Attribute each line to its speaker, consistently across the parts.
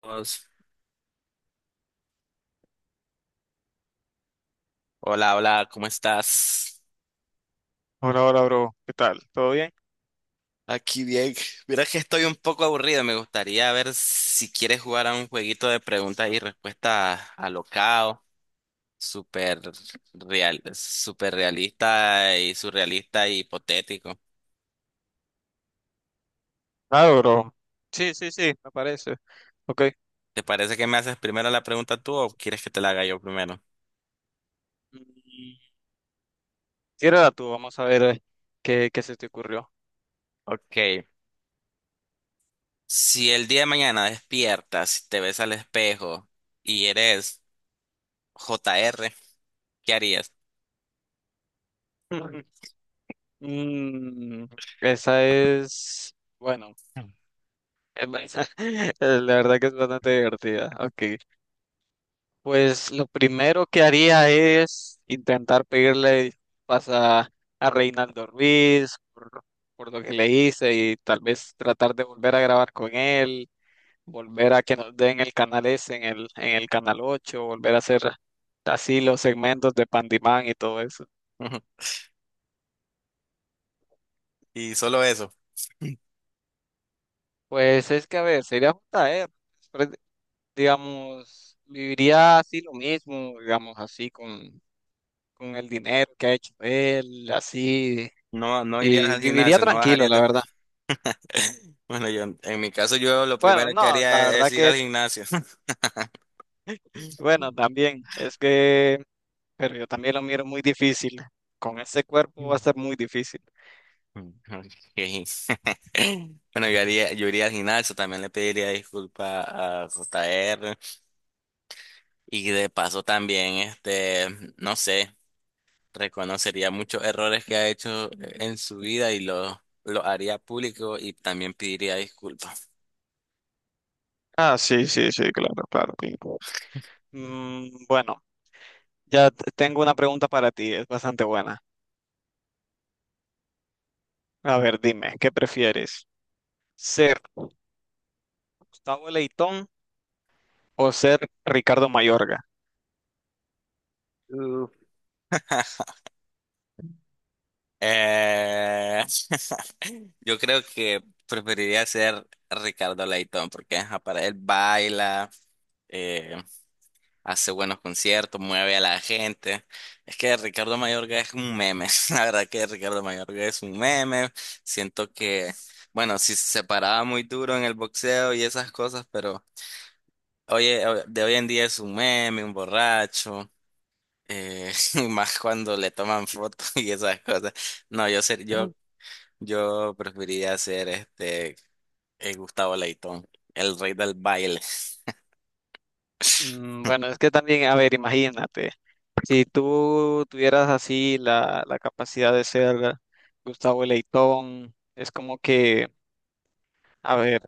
Speaker 1: Pues, hola, hola, ¿cómo estás?
Speaker 2: Hola, hola, bro. ¿Qué tal? ¿Todo bien?
Speaker 1: Aquí bien. Mira que estoy un poco aburrido. Me gustaría ver si quieres jugar a un jueguito de preguntas y respuestas alocado, súper súper realista y surrealista y hipotético.
Speaker 2: Claro, bro. Sí, sí, sí, me parece. Ok.
Speaker 1: ¿Te parece que me haces primero la pregunta tú o quieres que te la haga yo primero?
Speaker 2: Mm, Tírala tú, vamos a ver qué se te ocurrió.
Speaker 1: Ok. Si el día de mañana despiertas y te ves al espejo y eres JR, ¿qué harías?
Speaker 2: Mm, esa es, bueno, es ba- la verdad que es bastante divertida. Ok. Pues lo primero que haría es intentar pedirle disculpas a Reinaldo Ruiz por lo que le hice y tal vez tratar de volver a grabar con él, volver a que nos den el canal S en el canal 8, volver a hacer así los segmentos de Pandimán y todo eso.
Speaker 1: Y solo eso.
Speaker 2: Pues es que, a ver, sería un traer, pero, digamos, viviría así lo mismo, digamos, con el dinero que ha hecho él, así,
Speaker 1: No, no irías
Speaker 2: y
Speaker 1: al
Speaker 2: viviría
Speaker 1: gimnasio, no
Speaker 2: tranquilo,
Speaker 1: bajarías
Speaker 2: la
Speaker 1: de.
Speaker 2: verdad.
Speaker 1: Bueno, yo, en mi caso, yo lo
Speaker 2: Bueno,
Speaker 1: primero que
Speaker 2: no, la
Speaker 1: haría es
Speaker 2: verdad
Speaker 1: ir
Speaker 2: que,
Speaker 1: al gimnasio.
Speaker 2: bueno, también, es que, pero yo también lo miro muy difícil. Con ese cuerpo va a ser muy difícil.
Speaker 1: Ok. Bueno, yo iría al gimnasio, también le pediría disculpas a JR y de paso también, este, no sé, reconocería muchos errores que ha hecho en su vida y los lo haría público y también pediría disculpas.
Speaker 2: Ah, sí, sí, sí, claro, claro, sí. Bueno, tengo una pregunta para ti, es bastante buena. A ver, dime, ¿qué prefieres? ¿Ser Gustavo Leitón o ser Ricardo Mayorga?
Speaker 1: Eh, yo creo que preferiría ser Ricardo Leitón porque ajá, para él baila, eh, hace buenos conciertos, mueve a la gente. Es que Ricardo Mayorga es un meme. La verdad que Ricardo Mayorga es un meme. Siento que, bueno, sí se paraba muy duro en el boxeo y esas cosas, pero oye, de hoy en día es un meme, un borracho. Y más cuando le toman fotos y esas cosas. No, yo preferiría ser este, Gustavo Leitón, el rey del baile.
Speaker 2: Bueno, es que también, a ver, imagínate, si tú tuvieras así la capacidad de ser Gustavo Leitón, es como que, a ver,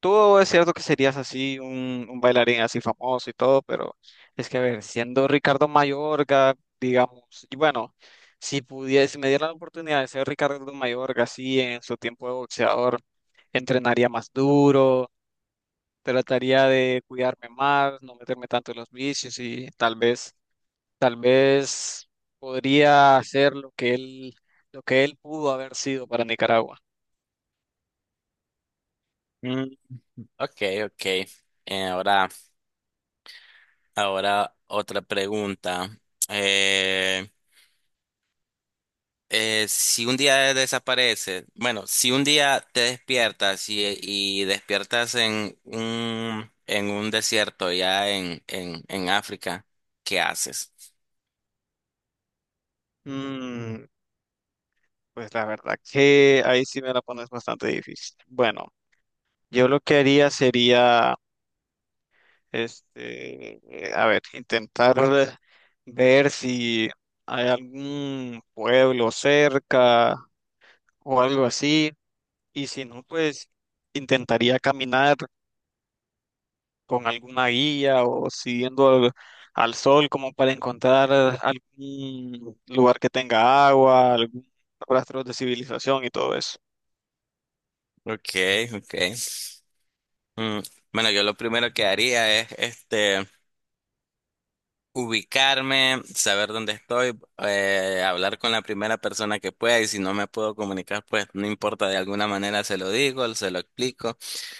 Speaker 2: tú es cierto que serías así un bailarín así famoso y todo, pero es que, a ver, siendo Ricardo Mayorga, digamos, y bueno, si pudiese, si me diera la oportunidad de ser Ricardo Mayorga así en su tiempo de boxeador, entrenaría más duro, trataría de cuidarme más, no meterme tanto en los vicios y tal vez podría hacer lo que él pudo haber sido para Nicaragua.
Speaker 1: Mm, ok, ok. Eh, ahora, ahora otra pregunta. Eh, si un día desapareces, Bueno, si un día te despiertas y despiertas en un desierto ya en África, ¿qué haces?
Speaker 2: Mm, pues la verdad que ahí sí me la pones bastante difícil. Bueno, yo lo que haría sería, este, a ver, intentar ver si hay algún pueblo cerca o algo así, y si no, pues intentaría caminar con alguna guía o siguiendo al sol como para encontrar algún lugar que tenga agua, algún rastro de civilización y todo eso.
Speaker 1: Ok, ok. Mm, bueno, yo lo primero que haría es este. Ubicarme, saber dónde estoy, hablar con la primera persona que pueda y si no me puedo comunicar, pues no importa, de alguna manera se lo digo, se lo explico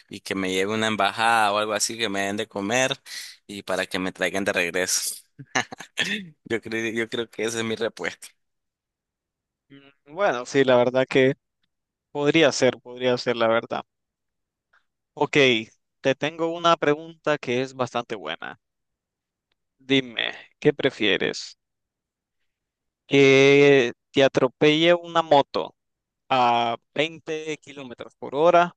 Speaker 1: y que me lleve una embajada o algo así que me den de comer y para que me traigan de regreso. Yo creo que esa es mi respuesta.
Speaker 2: Bueno, sí, la verdad que podría ser, podría ser, la verdad. Ok, te tengo una pregunta que es bastante buena. Dime, ¿qué prefieres? ¿Que te atropelle una moto a 20 kilómetros por hora,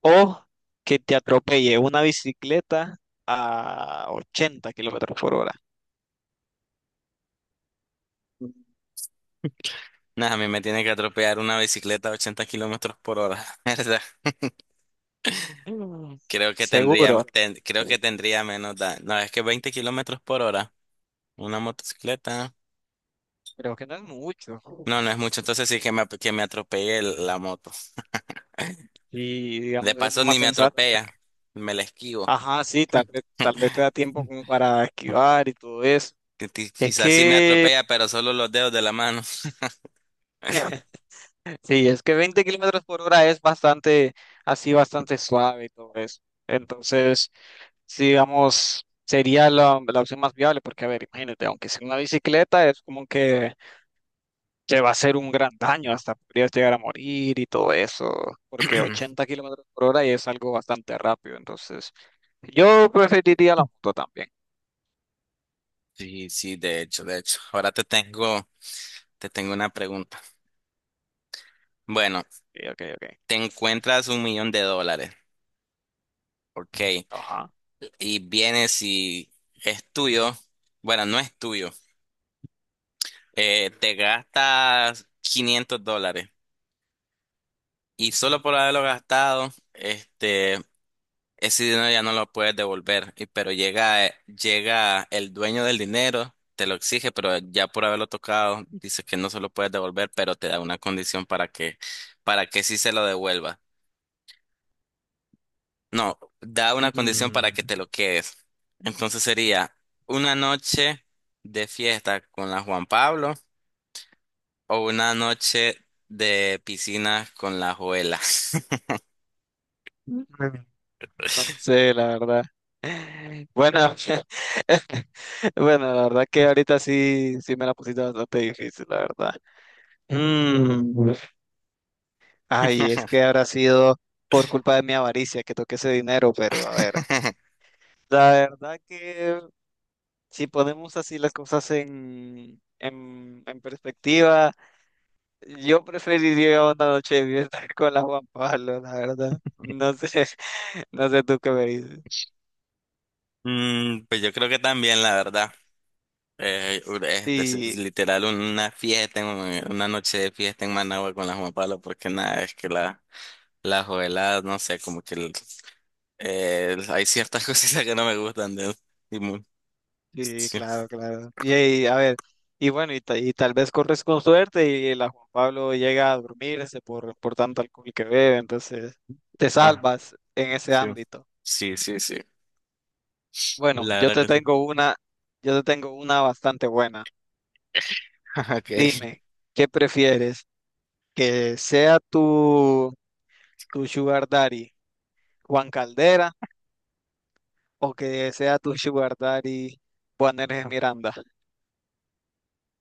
Speaker 2: o que te atropelle una bicicleta a 80 kilómetros por hora?
Speaker 1: Nada, a mí me tiene que atropellar una bicicleta a 80 kilómetros por hora, ¿verdad?
Speaker 2: Mm.
Speaker 1: Creo que tendría,
Speaker 2: Seguro.
Speaker 1: ten- creo que tendría menos daño. No, es que 20 kilómetros por hora, una motocicleta.
Speaker 2: Creo que no es mucho.
Speaker 1: No, no es mucho. Entonces sí que me atropelle la moto.
Speaker 2: Y
Speaker 1: De
Speaker 2: digamos, es lo
Speaker 1: paso
Speaker 2: más
Speaker 1: ni me
Speaker 2: sensato porque,
Speaker 1: atropella, me la esquivo.
Speaker 2: ajá, sí, tal vez te da tiempo como para esquivar y todo eso. Es
Speaker 1: Quizás sí me
Speaker 2: que,
Speaker 1: atropella, pero solo los dedos de la mano.
Speaker 2: sí, es que 20 kilómetros por hora es bastante, así, bastante suave y todo eso. Entonces, sí, digamos, sería la opción más viable porque, a ver, imagínate, aunque sea una bicicleta, es como que va a ser un gran daño, hasta podrías llegar a morir y todo eso, porque 80 kilómetros por hora es algo bastante rápido, entonces yo preferiría la moto también.
Speaker 1: Sí, sí, de hecho, de hecho. Ahora te tengo una pregunta. Bueno,
Speaker 2: Ok, ok, ok.
Speaker 1: te encuentras 1 millón de dólares, ok,
Speaker 2: Ajá.
Speaker 1: y vienes y es tuyo, bueno, no es tuyo, te gastas 500 dólares y solo por haberlo gastado, este, ese dinero ya no lo puedes devolver, pero llega, llega el dueño del dinero, te lo exige, pero ya por haberlo tocado, dice que no se lo puedes devolver, pero te da una condición para que sí se lo devuelva. No, da una condición para
Speaker 2: Mm,
Speaker 1: que te lo quedes. Entonces sería una noche de fiesta con la Juan Pablo o una noche de piscina con la Joela.
Speaker 2: no sé, la verdad. Bueno, bueno, la verdad que ahorita sí, sí me la pusiste bastante difícil, la verdad. Mm, Ay, es que habrá sido por culpa de mi avaricia que toqué ese dinero, pero a ver. La verdad que si ponemos así las cosas en perspectiva, yo preferiría una noche de fiesta con la Juan Pablo, la verdad. No sé, no sé tú qué me dices.
Speaker 1: Pues yo creo que también, la verdad. Este, es
Speaker 2: Sí,
Speaker 1: literal una fiesta, una noche de fiesta en Managua con la Juan Pablo, porque nada, es que la jovelada, no sé, como que hay ciertas cositas que no me gustan de él. Y mu-
Speaker 2: sí,
Speaker 1: sí,
Speaker 2: claro, claro. Y, ahí, a ver, y bueno, y tal vez corres con suerte y la Juan Pablo llega a dormirse por tanto alcohol que bebe, entonces te
Speaker 1: ah,
Speaker 2: salvas en ese
Speaker 1: sí,
Speaker 2: ámbito.
Speaker 1: sí, sí, sí,
Speaker 2: Bueno,
Speaker 1: la
Speaker 2: yo
Speaker 1: verdad
Speaker 2: te
Speaker 1: que sí.
Speaker 2: tengo una, yo te tengo una bastante buena.
Speaker 1: Okay.
Speaker 2: Dime, ¿qué prefieres? que sea tu, tu sugar daddy Juan Caldera, o que sea tu sugar daddy Juan Hernández Miranda.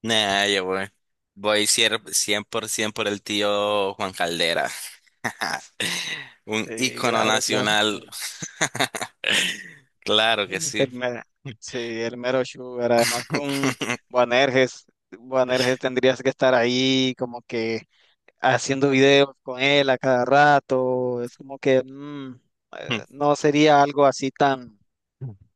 Speaker 1: Nah, yo voy. 100% por ciento por el tío Juan Caldera. Un
Speaker 2: Sí,
Speaker 1: ícono
Speaker 2: claro, claro.
Speaker 1: nacional. Claro que
Speaker 2: El
Speaker 1: sí.
Speaker 2: mero, sí, el mero sugar. Además con Juan Herges, tendrías que estar ahí como que haciendo videos con él a cada rato. Es como que no sería algo así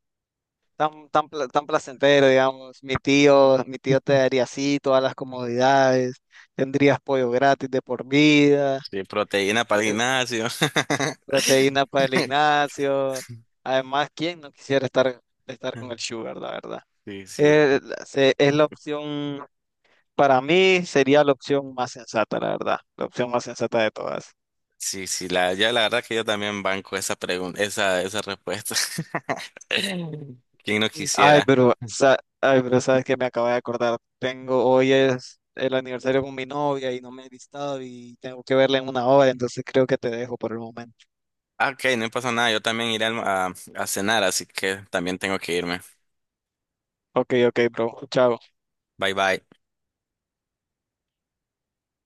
Speaker 2: tan, tan placentero, digamos. Mi tío te daría así todas las comodidades, tendrías pollo gratis de por vida,
Speaker 1: Sí, proteína para el
Speaker 2: eh,
Speaker 1: gimnasio.
Speaker 2: proteína para el gimnasio. Además, ¿quién no quisiera estar, estar con el sugar, la verdad?
Speaker 1: Sí, sí.
Speaker 2: Es la opción, para mí sería la opción más sensata, la verdad, la opción más sensata de todas.
Speaker 1: Sí, sí, ya la verdad que yo también banco esa pregunta, esa respuesta. ¿Quién no quisiera?
Speaker 2: Ay, pero sabes que me acabo de acordar. Tengo, hoy es el aniversario con mi novia y no me he listado y tengo que verla en 1 hora, entonces creo que te dejo por el momento.
Speaker 1: Ah, ok, no pasa nada, yo también iré a cenar, así que también tengo que irme.
Speaker 2: Ok, ok, bro. Chao.
Speaker 1: Bye bye.